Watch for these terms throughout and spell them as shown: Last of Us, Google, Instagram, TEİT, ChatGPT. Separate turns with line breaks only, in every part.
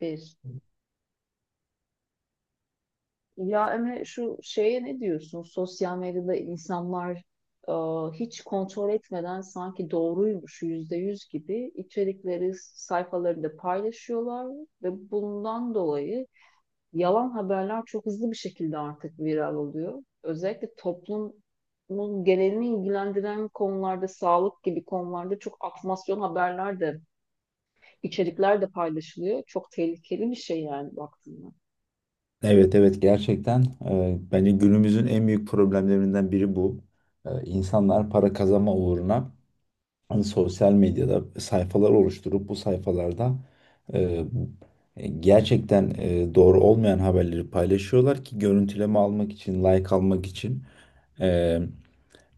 Bir. Ya Emre şu şeye ne diyorsun? Sosyal medyada insanlar e, hiç kontrol etmeden sanki doğruymuş yüzde yüz gibi içerikleri sayfalarında paylaşıyorlar ve bundan dolayı yalan haberler çok hızlı bir şekilde artık viral oluyor. Özellikle toplumun genelini ilgilendiren konularda, sağlık gibi konularda çok atmasyon haberler de, içerikler de paylaşılıyor. Çok tehlikeli bir şey yani baktığında.
Evet, evet, gerçekten bence günümüzün en büyük problemlerinden biri bu. İnsanlar para kazanma uğruna hani sosyal medyada sayfalar oluşturup bu sayfalarda e, gerçekten doğru olmayan haberleri paylaşıyorlar ki görüntüleme almak için, like almak için. E,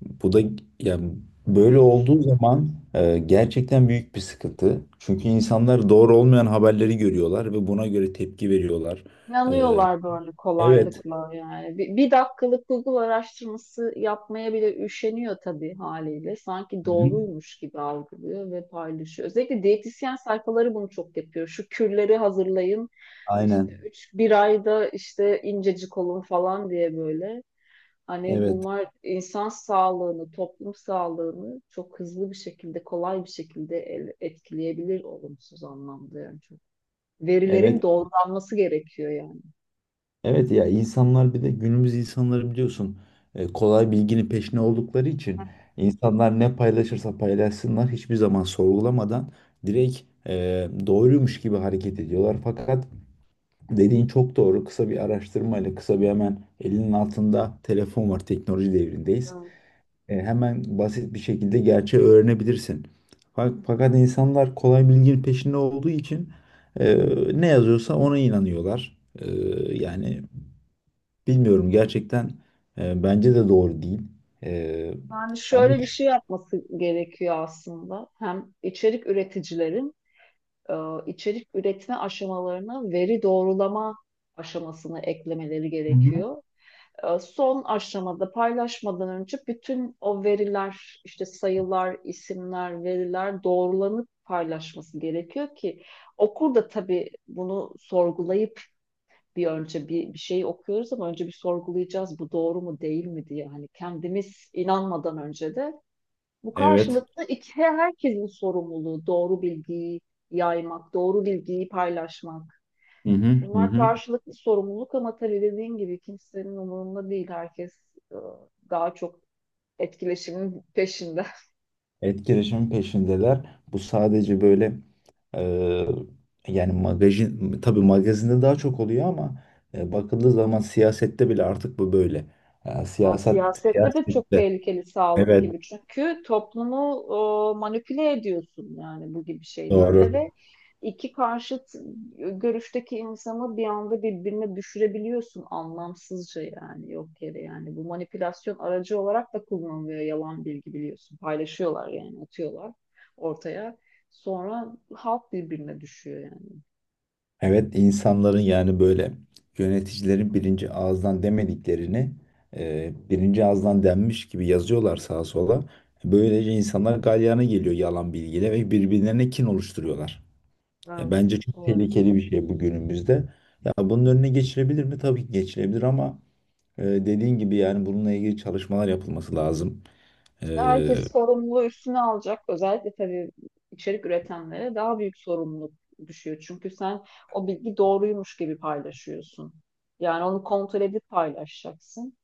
Bu da yani böyle
Evet.
olduğu zaman gerçekten büyük bir sıkıntı. Çünkü insanlar doğru olmayan haberleri görüyorlar ve buna göre tepki veriyorlar. E,
İnanıyorlar böyle
Evet.
kolaylıkla yani. Bir dakikalık Google araştırması yapmaya bile üşeniyor tabii haliyle. Sanki
Hı hı.
doğruymuş gibi algılıyor ve paylaşıyor. Özellikle diyetisyen sayfaları bunu çok yapıyor. Şu kürleri hazırlayın. İşte
Aynen.
üç, bir ayda işte incecik olun falan diye böyle. Hani
Evet.
bunlar insan sağlığını, toplum sağlığını çok hızlı bir şekilde, kolay bir şekilde etkileyebilir olumsuz anlamda yani çok. Verilerin
Evet.
doğrulanması gerekiyor yani.
Evet, ya insanlar bir de günümüz insanları biliyorsun, kolay bilginin peşine oldukları için insanlar ne paylaşırsa paylaşsınlar hiçbir zaman sorgulamadan direkt e, doğruymuş gibi hareket ediyorlar. Fakat dediğin çok doğru. Kısa bir araştırmayla, kısa bir hemen elinin altında telefon var. Teknoloji devrindeyiz.
Evet.
Hemen basit bir şekilde gerçeği öğrenebilirsin. Fakat insanlar kolay bilginin peşinde olduğu için e, ne yazıyorsa ona inanıyorlar. Yani bilmiyorum gerçekten, bence de doğru değil. E,
Yani
Ama.
şöyle bir şey yapması gerekiyor aslında. Hem içerik üreticilerin e, içerik üretme aşamalarına veri doğrulama aşamasını eklemeleri
Hı hı.
gerekiyor. Son aşamada paylaşmadan önce bütün o veriler, işte sayılar, isimler, veriler doğrulanıp paylaşması gerekiyor ki okur da tabii bunu sorgulayıp bir önce bir şey okuyoruz ama önce bir sorgulayacağız bu doğru mu değil mi diye hani kendimiz inanmadan önce de bu
Evet.
karşılıklı iki, herkesin sorumluluğu doğru bilgiyi yaymak, doğru bilgiyi paylaşmak.
Hı hı, hı
Bunlar
hı.
karşılıklı sorumluluk ama tabii dediğin gibi kimsenin umurunda değil. Herkes e, daha çok etkileşimin peşinde.
Etkileşimin peşindeler. Bu sadece böyle, e, yani tabii magazinde daha çok oluyor ama bakıldığı zaman siyasette bile artık bu böyle. E,
Ya
siyaset
siyasette de çok
siyasette
tehlikeli sağlık
evet,
gibi. Çünkü toplumu manipüle ediyorsun yani bu gibi şeylerle
doğru.
ve iki karşıt görüşteki insanı bir anda birbirine düşürebiliyorsun anlamsızca yani yok yere yani. Bu manipülasyon aracı olarak da kullanılıyor yalan bilgi biliyorsun. Paylaşıyorlar yani atıyorlar ortaya. Sonra halk birbirine düşüyor yani.
Evet, insanların yani böyle yöneticilerin birinci ağızdan demediklerini birinci ağızdan denmiş gibi yazıyorlar sağa sola. Böylece insanlar galyana geliyor yalan bilgiyle ve birbirlerine kin oluşturuyorlar. Ya, bence çok
Evet.
tehlikeli bir şey bu günümüzde. Ya bunun önüne geçilebilir mi? Tabii ki geçilebilir ama dediğin gibi yani bununla ilgili çalışmalar yapılması lazım. E, e,
Herkes sorumluluğu üstüne alacak. Özellikle tabii içerik üretenlere daha büyük sorumluluk düşüyor. Çünkü sen o bilgi doğruymuş gibi paylaşıyorsun. Yani onu kontrol edip paylaşacaksın.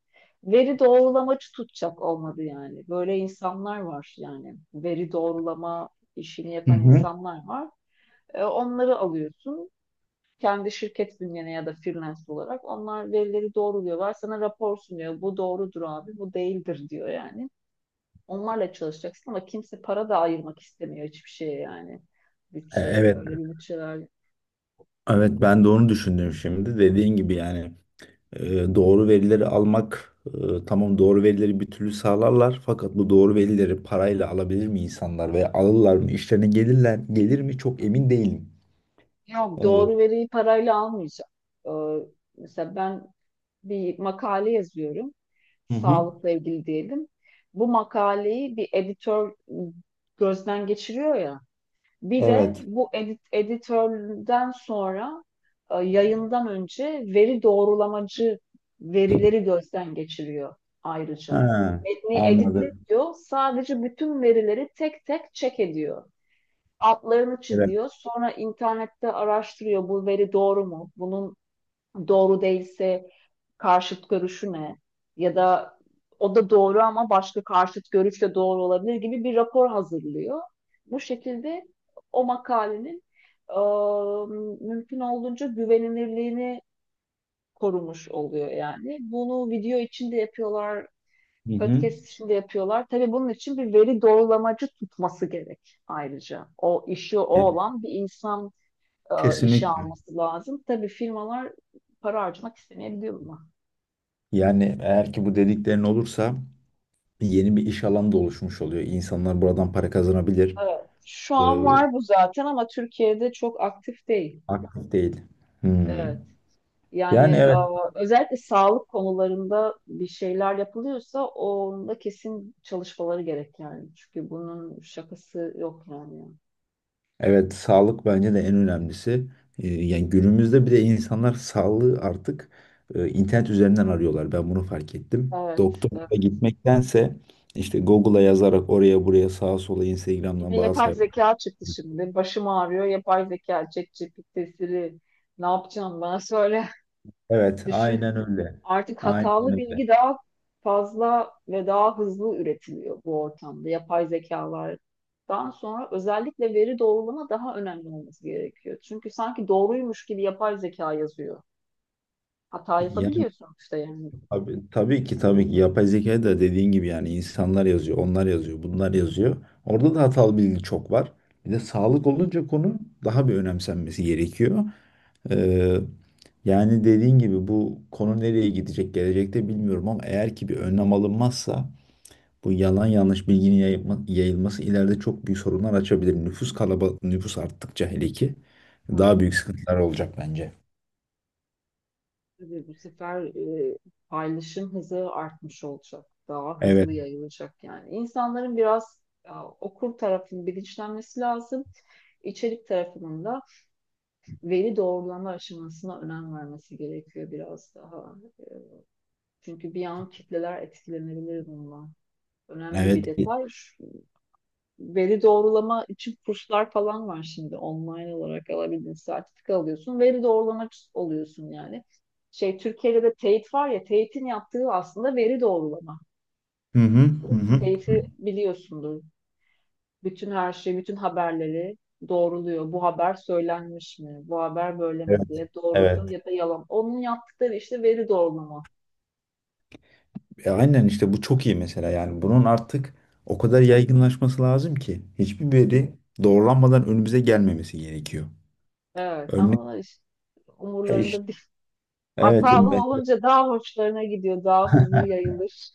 Veri doğrulamacı tutacak olmadı yani. Böyle insanlar var yani. Veri doğrulama işini
Hı
yapan
hı.
insanlar var. Onları alıyorsun. Kendi şirket bünyene ya da freelance olarak onlar verileri doğruluyorlar. Sana rapor sunuyor. Bu doğrudur abi, bu değildir diyor yani. Onlarla çalışacaksın ama kimse para da ayırmak istemiyor hiçbir şeye yani. Bütçe,
Evet,
öyle bir bütçeler.
evet, ben de onu düşündüm şimdi. Dediğin gibi yani doğru verileri almak, tamam, doğru verileri bir türlü sağlarlar fakat bu doğru verileri parayla alabilir mi insanlar veya alırlar mı? İşlerine gelir mi? Çok emin değilim.
Yok
E,
doğru veriyi parayla almayacak. Ee, mesela ben bir makale yazıyorum.
hı hı.
Sağlıkla ilgili diyelim. Bu makaleyi bir editör gözden geçiriyor ya. Bir de
Evet.
bu editörden sonra yayından önce veri doğrulamacı verileri gözden geçiriyor ayrıca.
Ha,
Metni
anladım.
editliyor, sadece bütün verileri tek tek check ediyor. Altlarını
Evet.
çiziyor, sonra internette araştırıyor bu veri doğru mu? Bunun doğru değilse karşıt görüşü ne? Ya da o da doğru ama başka karşıt görüş de doğru olabilir gibi bir rapor hazırlıyor. Bu şekilde o makalenin e, mümkün olduğunca güvenilirliğini korumuş oluyor yani. Bunu video için de yapıyorlar,
Hı
podcast için de yapıyorlar. Tabii bunun için bir veri doğrulamacı tutması gerek ayrıca. O işi o
hı.
olan bir insan işe
Kesinlikle.
alması lazım. Tabii firmalar para harcamak istemeyebiliyor buna.
Yani eğer ki bu dediklerin olursa yeni bir iş alanı da oluşmuş oluyor. İnsanlar buradan para kazanabilir.
Evet. Şu
Ee,
an var bu zaten ama Türkiye'de çok aktif değil.
Aktif değil. Hmm.
Evet. Yani
Yani, evet,
özellikle sağlık konularında bir şeyler yapılıyorsa onda kesin çalışmaları gerek yani. Çünkü bunun şakası yok yani.
evet, sağlık bence de en önemlisi. Yani günümüzde bir de insanlar sağlığı artık internet üzerinden arıyorlar. Ben bunu fark ettim.
Evet, evet.
Doktora gitmektense işte Google'a yazarak oraya buraya sağa sola
Bir de
Instagram'dan bazı
yapay
sayfalar.
zeka çıktı şimdi. Başım ağrıyor. Yapay zeka, ChatGPT'si. Ne yapacağım bana söyle.
Evet,
Düşün
aynen öyle.
artık
Aynen
hatalı
öyle.
bilgi daha fazla ve daha hızlı üretiliyor bu ortamda. Yapay zekalardan sonra özellikle veri doğrulama daha önemli olması gerekiyor. Çünkü sanki doğruymuş gibi yapay zeka yazıyor. Hata
Ya,
yapabiliyorsun işte yani.
abi, tabii ki tabii ki yapay zekayı da dediğin gibi yani insanlar yazıyor, onlar yazıyor, bunlar yazıyor. Orada da hatalı bilgi çok var. Bir de sağlık olunca konu daha bir önemsenmesi gerekiyor. Ee, Yani dediğin gibi bu konu nereye gidecek gelecekte bilmiyorum ama eğer ki bir önlem alınmazsa bu yalan yanlış bilginin yayılması ileride çok büyük sorunlar açabilir. Nüfus arttıkça hele ki
Evet,
daha büyük sıkıntılar olacak bence.
tabii bu sefer e, paylaşım hızı artmış olacak. Daha
Evet,
hızlı yayılacak yani. İnsanların biraz okur tarafının bilinçlenmesi lazım. İçerik tarafının da veri doğrulama aşamasına önem vermesi gerekiyor biraz daha. Çünkü bir an kitleler etkilenebilir bundan. Önemli bir
evet.
detay. Veri doğrulama için kurslar falan var şimdi online olarak alabildiğin sertifika alıyorsun. Veri doğrulamak oluyorsun yani. Şey Türkiye'de de TEİT var ya TEİT'in yaptığı aslında veri doğrulama.
Hı hı, hı hı.
TEİT'i biliyorsundur. Bütün her şeyi, bütün haberleri doğruluyor. Bu haber söylenmiş mi? Bu haber böyle mi
Evet,
diye doğrudur
evet.
ya da yalan. Onun yaptıkları işte veri doğrulama.
Aynen işte bu çok iyi mesela yani bunun artık o kadar yaygınlaşması lazım ki hiçbir veri doğrulanmadan önümüze gelmemesi gerekiyor.
Evet
Örnek.
ama işte
İşte,
umurlarında değil.
evet,
Hatalı
mesela,
olunca daha hoşlarına gidiyor, daha hızlı yayılır.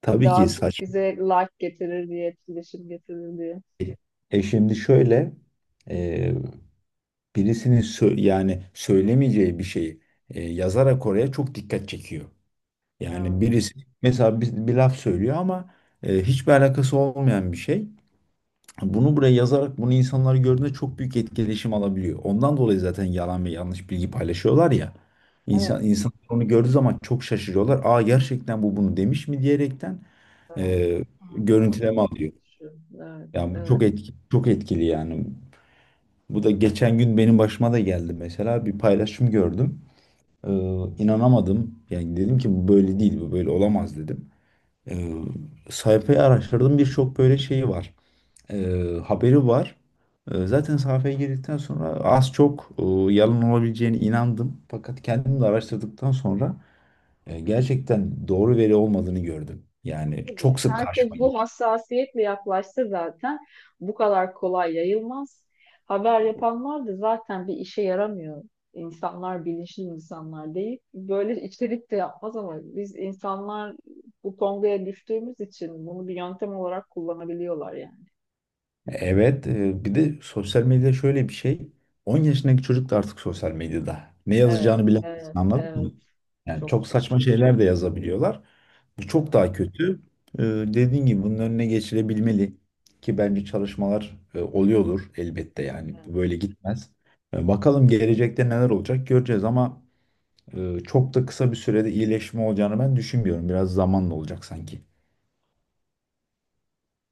tabii ki
Daha çok
saçma.
bize like getirir diye, etkileşim getirir diye.
Şimdi şöyle, e, birisinin yani söylemeyeceği bir şeyi yazarak oraya çok dikkat çekiyor. Yani
Evet,
birisi mesela bir laf söylüyor ama hiçbir alakası olmayan bir şey. Bunu buraya yazarak bunu insanlar gördüğünde çok büyük etkileşim alabiliyor. Ondan dolayı zaten yalan ve yanlış bilgi paylaşıyorlar ya.
evet,
İnsanlar onu gördüğü zaman çok şaşırıyorlar. Aa, gerçekten bu bunu demiş mi diyerekten
evet.
e,
Ha, doğmadan
görüntüleme
fazla
alıyor.
düşüyor. Evet,
Yani bu
evet.
çok etkili, çok etkili yani. Bu da geçen gün benim başıma da geldi mesela. Bir paylaşım gördüm. Ee, inanamadım. Yani dedim ki bu böyle değil, bu böyle olamaz dedim. Ee, Sayfayı araştırdım, birçok böyle şeyi var, haberi var. Zaten sahaya girdikten sonra az çok yalan olabileceğine inandım. Fakat kendim de araştırdıktan sonra gerçekten doğru veri olmadığını gördüm. Yani çok
Tabii.
sık karşıma
Herkes
geliyor.
bu hassasiyetle yaklaşsa zaten bu kadar kolay yayılmaz. Haber yapanlar da zaten bir işe yaramıyor. İnsanlar bilinçli insanlar değil. Böyle içerik de yapmaz ama biz insanlar bu tongaya düştüğümüz için bunu bir yöntem olarak kullanabiliyorlar yani.
Evet, bir de sosyal medya şöyle bir şey. 10 yaşındaki çocuk da artık sosyal medyada. Ne
Evet,
yazacağını
evet,
bilemezsin, anladın
evet.
mı? Yani
Çok
çok
çok.
saçma şeyler de yazabiliyorlar. Bu çok
Evet,
daha kötü. Dediğin gibi bunun önüne geçilebilmeli ki bence çalışmalar oluyordur elbette yani bu
evet.
böyle gitmez. Bakalım gelecekte neler olacak, göreceğiz ama çok da kısa bir sürede iyileşme olacağını ben düşünmüyorum. Biraz zamanla olacak sanki.